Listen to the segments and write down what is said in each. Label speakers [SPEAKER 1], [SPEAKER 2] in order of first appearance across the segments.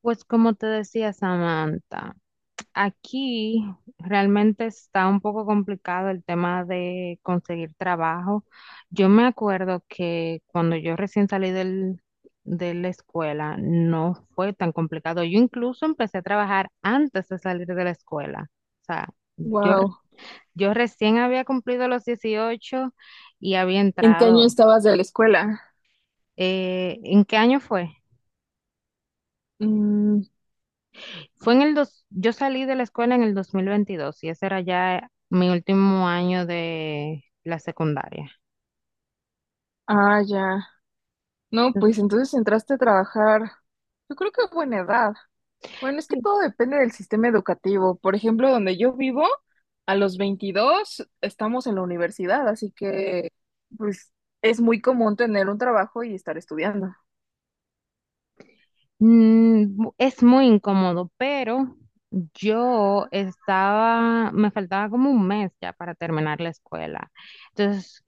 [SPEAKER 1] Pues como te decía, Samantha, aquí realmente está un poco complicado el tema de conseguir trabajo. Yo me acuerdo que cuando yo recién salí de la escuela no fue tan complicado. Yo incluso empecé a trabajar antes de salir de la escuela. O sea, yo, re-
[SPEAKER 2] Wow.
[SPEAKER 1] yo recién había cumplido los 18 y había
[SPEAKER 2] ¿En qué año
[SPEAKER 1] entrado.
[SPEAKER 2] estabas de la escuela?
[SPEAKER 1] ¿En qué año fue?
[SPEAKER 2] Mm,
[SPEAKER 1] Fue en el yo salí de la escuela en el 2022 y ese era ya mi último año de la secundaria.
[SPEAKER 2] ah, ya. No, pues entonces entraste a trabajar. Yo creo que a buena edad. Bueno, es que
[SPEAKER 1] Sí.
[SPEAKER 2] todo depende del sistema educativo. Por ejemplo, donde yo vivo, a los 22 estamos en la universidad, así que pues es muy común tener un trabajo y estar estudiando.
[SPEAKER 1] Es muy incómodo, pero yo estaba, me faltaba como un mes ya para terminar la escuela. Entonces,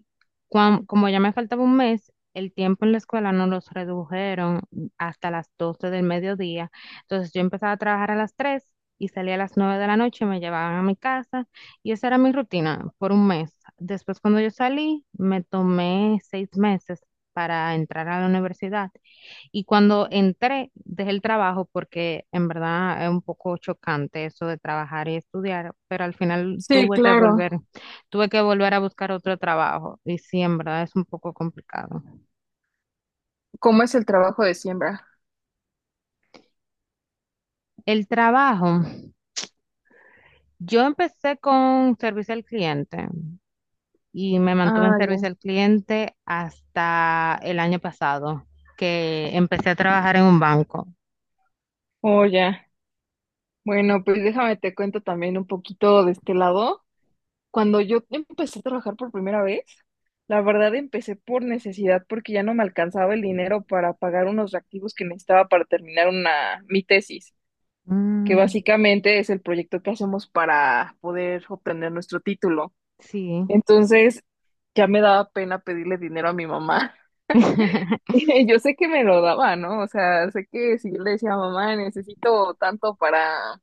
[SPEAKER 1] como ya me faltaba un mes, el tiempo en la escuela nos los redujeron hasta las 12 del mediodía. Entonces, yo empezaba a trabajar a las 3 y salía a las 9 de la noche, me llevaban a mi casa y esa era mi rutina por un mes. Después, cuando yo salí, me tomé seis meses para entrar a la universidad y cuando entré, dejé el trabajo porque en verdad es un poco chocante eso de trabajar y estudiar, pero al final
[SPEAKER 2] Sí, claro.
[SPEAKER 1] tuve que volver a buscar otro trabajo y sí, en verdad es un poco complicado.
[SPEAKER 2] ¿Cómo es el trabajo de siembra?
[SPEAKER 1] El trabajo, yo empecé con servicio al cliente y me mantuve en
[SPEAKER 2] Ah,
[SPEAKER 1] servicio
[SPEAKER 2] ya.
[SPEAKER 1] al cliente hasta el año pasado, que empecé a trabajar en un banco.
[SPEAKER 2] Oh, ya. Bueno, pues déjame te cuento también un poquito de este lado. Cuando yo empecé a trabajar por primera vez, la verdad empecé por necesidad porque ya no me alcanzaba el dinero para pagar unos reactivos que necesitaba para terminar una, mi tesis, que
[SPEAKER 1] Mm,
[SPEAKER 2] básicamente es el proyecto que hacemos para poder obtener nuestro título.
[SPEAKER 1] sí.
[SPEAKER 2] Entonces ya me daba pena pedirle dinero a mi mamá. Y yo sé que me lo daba, ¿no? O sea, sé que si yo le decía, mamá, necesito tanto para,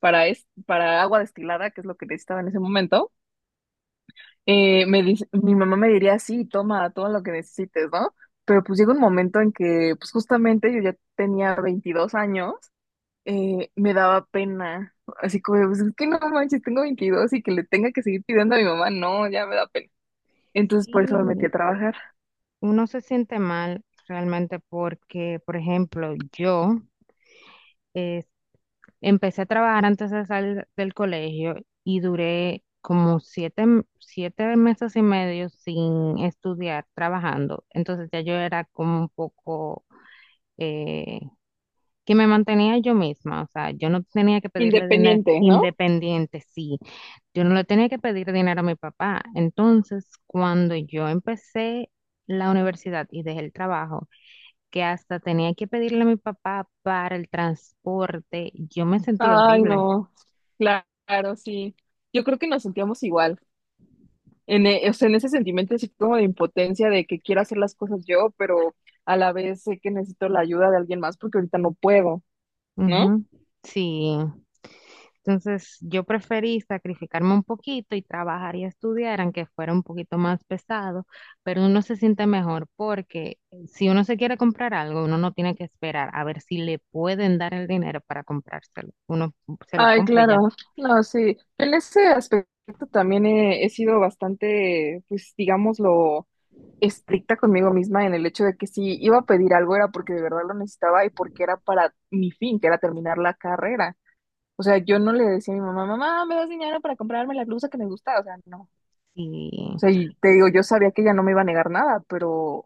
[SPEAKER 2] para agua destilada, que es lo que necesitaba en ese momento. Mi mamá me diría, sí, toma todo lo que necesites, ¿no? Pero pues llega un momento en que, pues justamente yo ya tenía 22 años, me daba pena, así como, de, pues es que no manches, tengo 22 y que le tenga que seguir pidiendo a mi mamá, no, ya me da pena. Entonces por eso me metí
[SPEAKER 1] Sí,
[SPEAKER 2] a trabajar.
[SPEAKER 1] uno se siente mal realmente porque, por ejemplo, yo eh, empecé a trabajar antes de salir del colegio y duré como siete meses y medio sin estudiar, trabajando. Entonces ya yo era como un poco eh, que me mantenía yo misma, o sea, yo no tenía que pedirle dinero
[SPEAKER 2] Independiente, ¿no?
[SPEAKER 1] independiente, sí, yo no le tenía que pedir dinero a mi papá. Entonces, cuando yo empecé la universidad y dejé el trabajo, que hasta tenía que pedirle a mi papá para el transporte. Yo me sentí
[SPEAKER 2] Ay,
[SPEAKER 1] horrible.
[SPEAKER 2] no, claro, sí. Yo creo que nos sentíamos igual. O sea, en ese sentimiento así como de impotencia de que quiero hacer las cosas yo, pero a la vez sé que necesito la ayuda de alguien más porque ahorita no puedo, ¿no?
[SPEAKER 1] Ujú. Sí. Entonces, yo preferí sacrificarme un poquito y trabajar y estudiar, aunque fuera un poquito más pesado, pero uno se siente mejor porque si uno se quiere comprar algo, uno no tiene que esperar a ver si le pueden dar el dinero para comprárselo. Uno se lo
[SPEAKER 2] Ay,
[SPEAKER 1] compra y
[SPEAKER 2] claro, no, sí. En ese aspecto también he sido bastante, pues digámoslo, estricta conmigo misma en el hecho de que si iba a pedir algo era porque de verdad lo necesitaba y porque era para mi fin, que era terminar la carrera. O sea, yo no le decía a mi mamá, mamá, ¿me das dinero para comprarme la blusa que me gusta? O sea, no.
[SPEAKER 1] ya.
[SPEAKER 2] Sea, y te digo, yo sabía que ella no me iba a negar nada, pero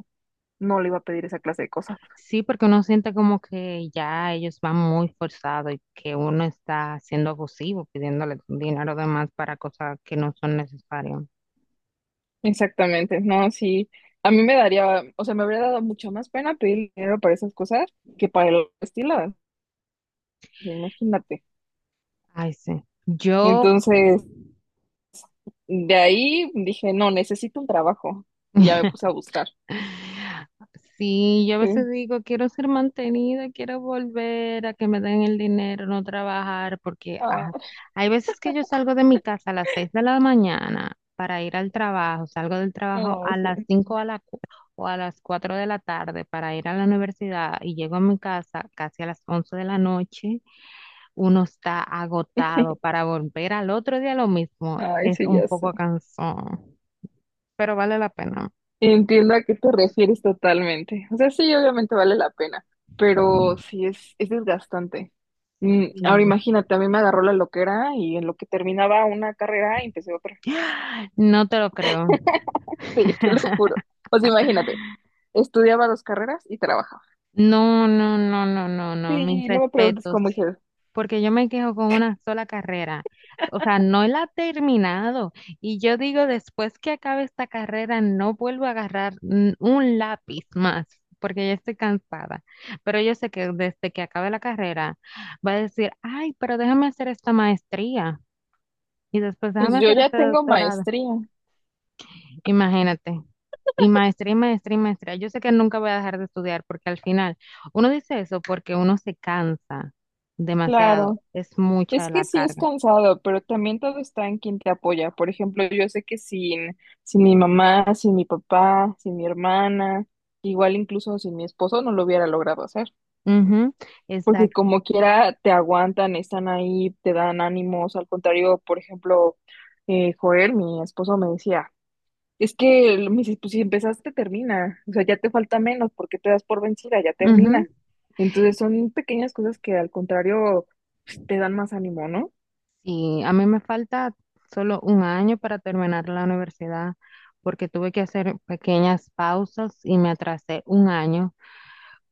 [SPEAKER 2] no le iba a pedir esa clase de cosas.
[SPEAKER 1] Sí, porque uno siente como que ya ellos van muy forzados y que uno está siendo abusivo, pidiéndole dinero de más para cosas que no son necesarias.
[SPEAKER 2] Exactamente, no, sí, a mí me daría, o sea, me habría dado mucho más pena pedir dinero para esas cosas que para los estiladas, imagínate.
[SPEAKER 1] Ay, sí. Yo.
[SPEAKER 2] Entonces, de ahí dije, no, necesito un trabajo y ya me puse a buscar.
[SPEAKER 1] Sí, yo a veces
[SPEAKER 2] Sí.
[SPEAKER 1] digo, quiero ser mantenida, quiero volver a que me den el dinero, no trabajar, porque ajá,
[SPEAKER 2] Ah,
[SPEAKER 1] hay veces que yo salgo de mi casa a las 6 de la mañana para ir al trabajo, salgo del trabajo
[SPEAKER 2] no,
[SPEAKER 1] a las
[SPEAKER 2] ese,
[SPEAKER 1] 5 a la cu- o a las 4 de la tarde para ir a la universidad y llego a mi casa casi a las 11 de la noche, uno está agotado para volver al otro día lo mismo,
[SPEAKER 2] ay,
[SPEAKER 1] es
[SPEAKER 2] sí,
[SPEAKER 1] un
[SPEAKER 2] ya sé.
[SPEAKER 1] poco cansón, pero vale la pena.
[SPEAKER 2] Entiendo a qué te refieres totalmente. O sea, sí, obviamente vale la pena, pero sí es desgastante. Ahora imagínate, a mí me agarró la loquera y en lo que terminaba una carrera empecé otra.
[SPEAKER 1] No te lo creo.
[SPEAKER 2] Sí, te lo juro. O sea, imagínate, estudiaba dos carreras y trabajaba.
[SPEAKER 1] No, no, no, no, no, no, mis
[SPEAKER 2] Sí, no me preguntes cómo
[SPEAKER 1] respetos.
[SPEAKER 2] hice.
[SPEAKER 1] Porque yo me quejo con una sola carrera. O sea, no la he terminado. Y yo digo, después que acabe esta carrera, no vuelvo a agarrar un lápiz más, porque ya estoy cansada. Pero yo sé que desde que acabe la carrera, va a decir, ay, pero déjame hacer esta maestría. Y después déjame
[SPEAKER 2] Pues yo
[SPEAKER 1] hacer
[SPEAKER 2] ya
[SPEAKER 1] este
[SPEAKER 2] tengo
[SPEAKER 1] doctorado.
[SPEAKER 2] maestría,
[SPEAKER 1] Imagínate. Y maestría, y maestría, y maestría. Yo sé que nunca voy a dejar de estudiar porque al final uno dice eso porque uno se cansa demasiado.
[SPEAKER 2] claro.
[SPEAKER 1] Es
[SPEAKER 2] Es
[SPEAKER 1] mucha
[SPEAKER 2] que
[SPEAKER 1] la
[SPEAKER 2] sí es
[SPEAKER 1] carga.
[SPEAKER 2] cansado, pero también todo está en quien te apoya. Por ejemplo, yo sé que sin, sin mi mamá, sin mi papá, sin mi hermana, igual incluso sin mi esposo, no lo hubiera logrado hacer.
[SPEAKER 1] Ujú,
[SPEAKER 2] Porque
[SPEAKER 1] exacto.
[SPEAKER 2] como quiera, te aguantan, están ahí, te dan ánimos. Al contrario, por ejemplo, Joel, mi esposo, me decía, me dice, pues si empezaste, termina. O sea, ya te falta menos, ¿porque te das por vencida? Ya
[SPEAKER 1] Ujú.
[SPEAKER 2] termina. Entonces son pequeñas cosas que al contrario, pues, te dan más ánimo, ¿no?
[SPEAKER 1] Sí, a mí me falta solo un año para terminar la universidad porque tuve que hacer pequeñas pausas y me atrasé un año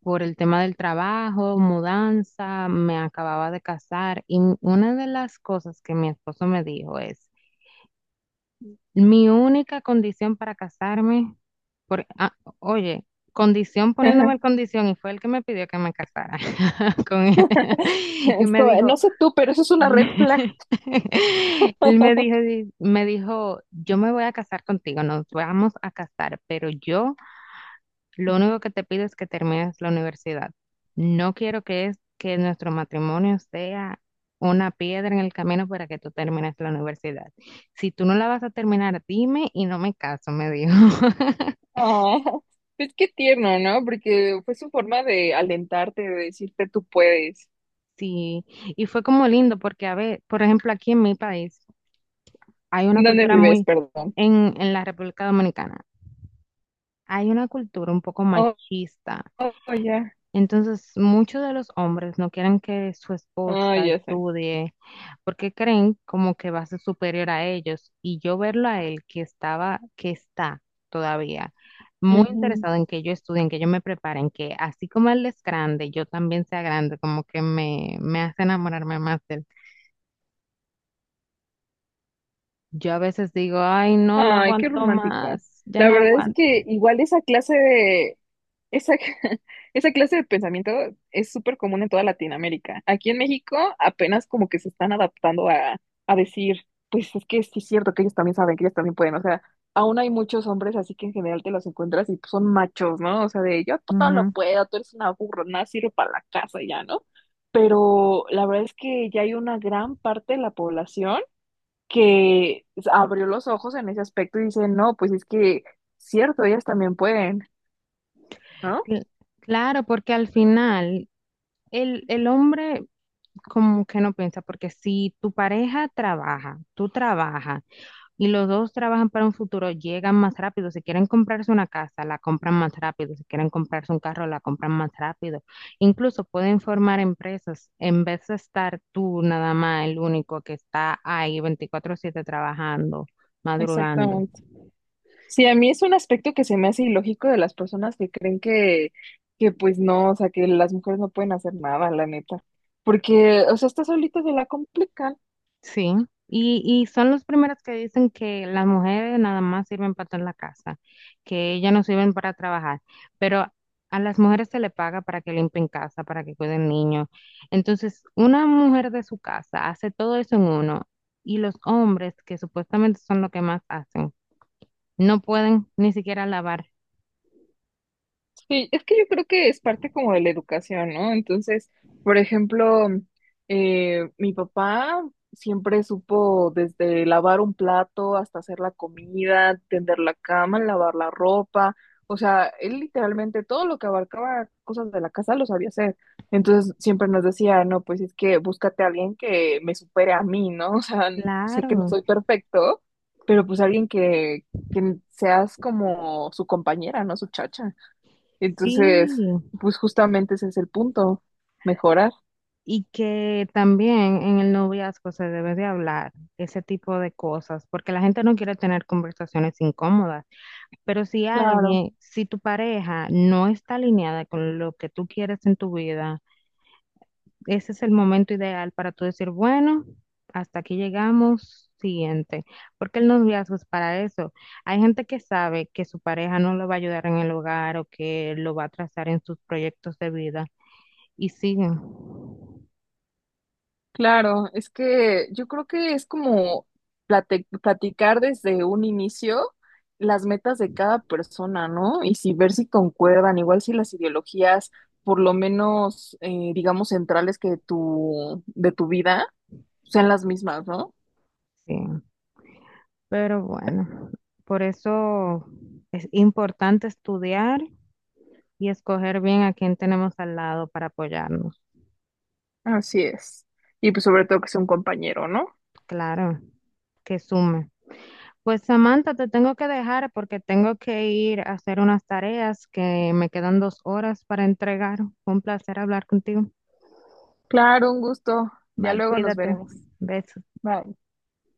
[SPEAKER 1] por el tema del trabajo, mudanza, me acababa de casar y una de las cosas que mi esposo me dijo es: mi única condición para casarme, por, ah, oye, condición poniéndome el condición, y fue el que me pidió que me casara con él. Y
[SPEAKER 2] Es
[SPEAKER 1] me
[SPEAKER 2] como,
[SPEAKER 1] dijo,
[SPEAKER 2] no sé tú, pero eso es una red flag.
[SPEAKER 1] él me dijo, me dijo, yo me voy a casar contigo, nos vamos a casar, pero yo lo único que te pido es que termines la universidad. No quiero que es que nuestro matrimonio sea una piedra en el camino para que tú termines la universidad. Si tú no la vas a terminar, dime y no me caso, me dijo.
[SPEAKER 2] Ah, pues qué tierno, ¿no? Porque fue su forma de alentarte, de decirte tú puedes.
[SPEAKER 1] Sí, y fue como lindo porque, a ver, por ejemplo, aquí en mi país hay una
[SPEAKER 2] ¿Dónde
[SPEAKER 1] cultura
[SPEAKER 2] vives?
[SPEAKER 1] muy,
[SPEAKER 2] Perdón.
[SPEAKER 1] en la República Dominicana, hay una cultura un poco
[SPEAKER 2] Oh,
[SPEAKER 1] machista.
[SPEAKER 2] oh, ya.
[SPEAKER 1] Entonces, muchos de los hombres no quieren que su
[SPEAKER 2] Ah,
[SPEAKER 1] esposa
[SPEAKER 2] ya sé.
[SPEAKER 1] estudie porque creen como que va a ser superior a ellos. Y yo verlo a él que estaba, que está todavía muy interesado en que yo estudie, en que yo me prepare, en que así como él es grande, yo también sea grande, como que me hace enamorarme más de él. Yo a veces digo, ay, no, no
[SPEAKER 2] Ay, qué
[SPEAKER 1] aguanto
[SPEAKER 2] romántico.
[SPEAKER 1] más, ya
[SPEAKER 2] La
[SPEAKER 1] no
[SPEAKER 2] verdad es
[SPEAKER 1] aguanto.
[SPEAKER 2] que igual esa clase de esa, esa clase de pensamiento es súper común en toda Latinoamérica. Aquí en México apenas como que se están adaptando a decir, pues es que sí es cierto que ellos también saben, que ellos también pueden. O sea, aún hay muchos hombres así que en general te los encuentras y pues, son machos, ¿no? O sea, de yo por todo lo
[SPEAKER 1] Ujú.
[SPEAKER 2] puedo, tú eres una burra, nada sirve para la casa y ya, ¿no? Pero la verdad es que ya hay una gran parte de la población que abrió los ojos en ese aspecto y dice, no, pues es que cierto, ellas también pueden, ¿no?
[SPEAKER 1] Cl- Claro, porque al final el hombre como que no piensa, porque si tu pareja trabaja, tú trabajas y los dos trabajan para un futuro, llegan más rápido. Si quieren comprarse una casa, la compran más rápido. Si quieren comprarse un carro, la compran más rápido. Incluso pueden formar empresas en vez de estar tú nada más el único que está ahí 24/7 trabajando, madrugando.
[SPEAKER 2] Exactamente. Sí, a mí es un aspecto que se me hace ilógico de las personas que creen que pues no, o sea, que las mujeres no pueden hacer nada, la neta. Porque, o sea, estas solitas se la complican.
[SPEAKER 1] Sí, y son los primeros que dicen que las mujeres nada más sirven para estar en la casa, que ellas no sirven para trabajar, pero a las mujeres se le paga para que limpien casa, para que cuiden niños. Entonces, una mujer de su casa hace todo eso en uno y los hombres, que supuestamente son lo que más hacen, no pueden ni siquiera lavar.
[SPEAKER 2] Sí, es que yo creo que es parte como de la educación, ¿no? Entonces, por ejemplo, mi papá siempre supo desde lavar un plato hasta hacer la comida, tender la cama, lavar la ropa, o sea, él literalmente todo lo que abarcaba cosas de la casa lo sabía hacer. Entonces, siempre nos decía, no, pues es que búscate a alguien que me supere a mí, ¿no? O sea, sé que no
[SPEAKER 1] Claro,
[SPEAKER 2] soy perfecto, pero pues alguien que seas como su compañera, ¿no? Su chacha. Entonces,
[SPEAKER 1] sí.
[SPEAKER 2] pues justamente ese es el punto, mejorar.
[SPEAKER 1] Y que también en el noviazgo se debe de hablar ese tipo de cosas, porque la gente no quiere tener conversaciones incómodas, pero si
[SPEAKER 2] Claro,
[SPEAKER 1] alguien, si tu pareja no está alineada con lo que tú quieres en tu vida, ese es el momento ideal para tú decir, bueno, hasta aquí llegamos, siguiente, porque el noviazgo es para eso. Hay gente que sabe que su pareja no lo va a ayudar en el hogar o que lo va a trazar en sus proyectos de vida y siguen.
[SPEAKER 2] claro. Es que yo creo que es como platicar desde un inicio las metas de cada persona, ¿no? Y si ver si concuerdan, igual si las ideologías, por lo menos, digamos, centrales que tu, de tu vida, sean las mismas, ¿no?
[SPEAKER 1] Sí. Pero bueno, por eso es importante estudiar y escoger bien a quién tenemos al lado para apoyarnos.
[SPEAKER 2] Así es. Y pues sobre todo que sea un compañero, ¿no?
[SPEAKER 1] Claro, que sume. Pues, Samantha, te tengo que dejar porque tengo que ir a hacer unas tareas que me quedan dos horas para entregar. Fue un placer hablar contigo.
[SPEAKER 2] Claro, un gusto. Ya
[SPEAKER 1] Bye,
[SPEAKER 2] luego nos
[SPEAKER 1] cuídate.
[SPEAKER 2] veremos.
[SPEAKER 1] Besos.
[SPEAKER 2] Bye.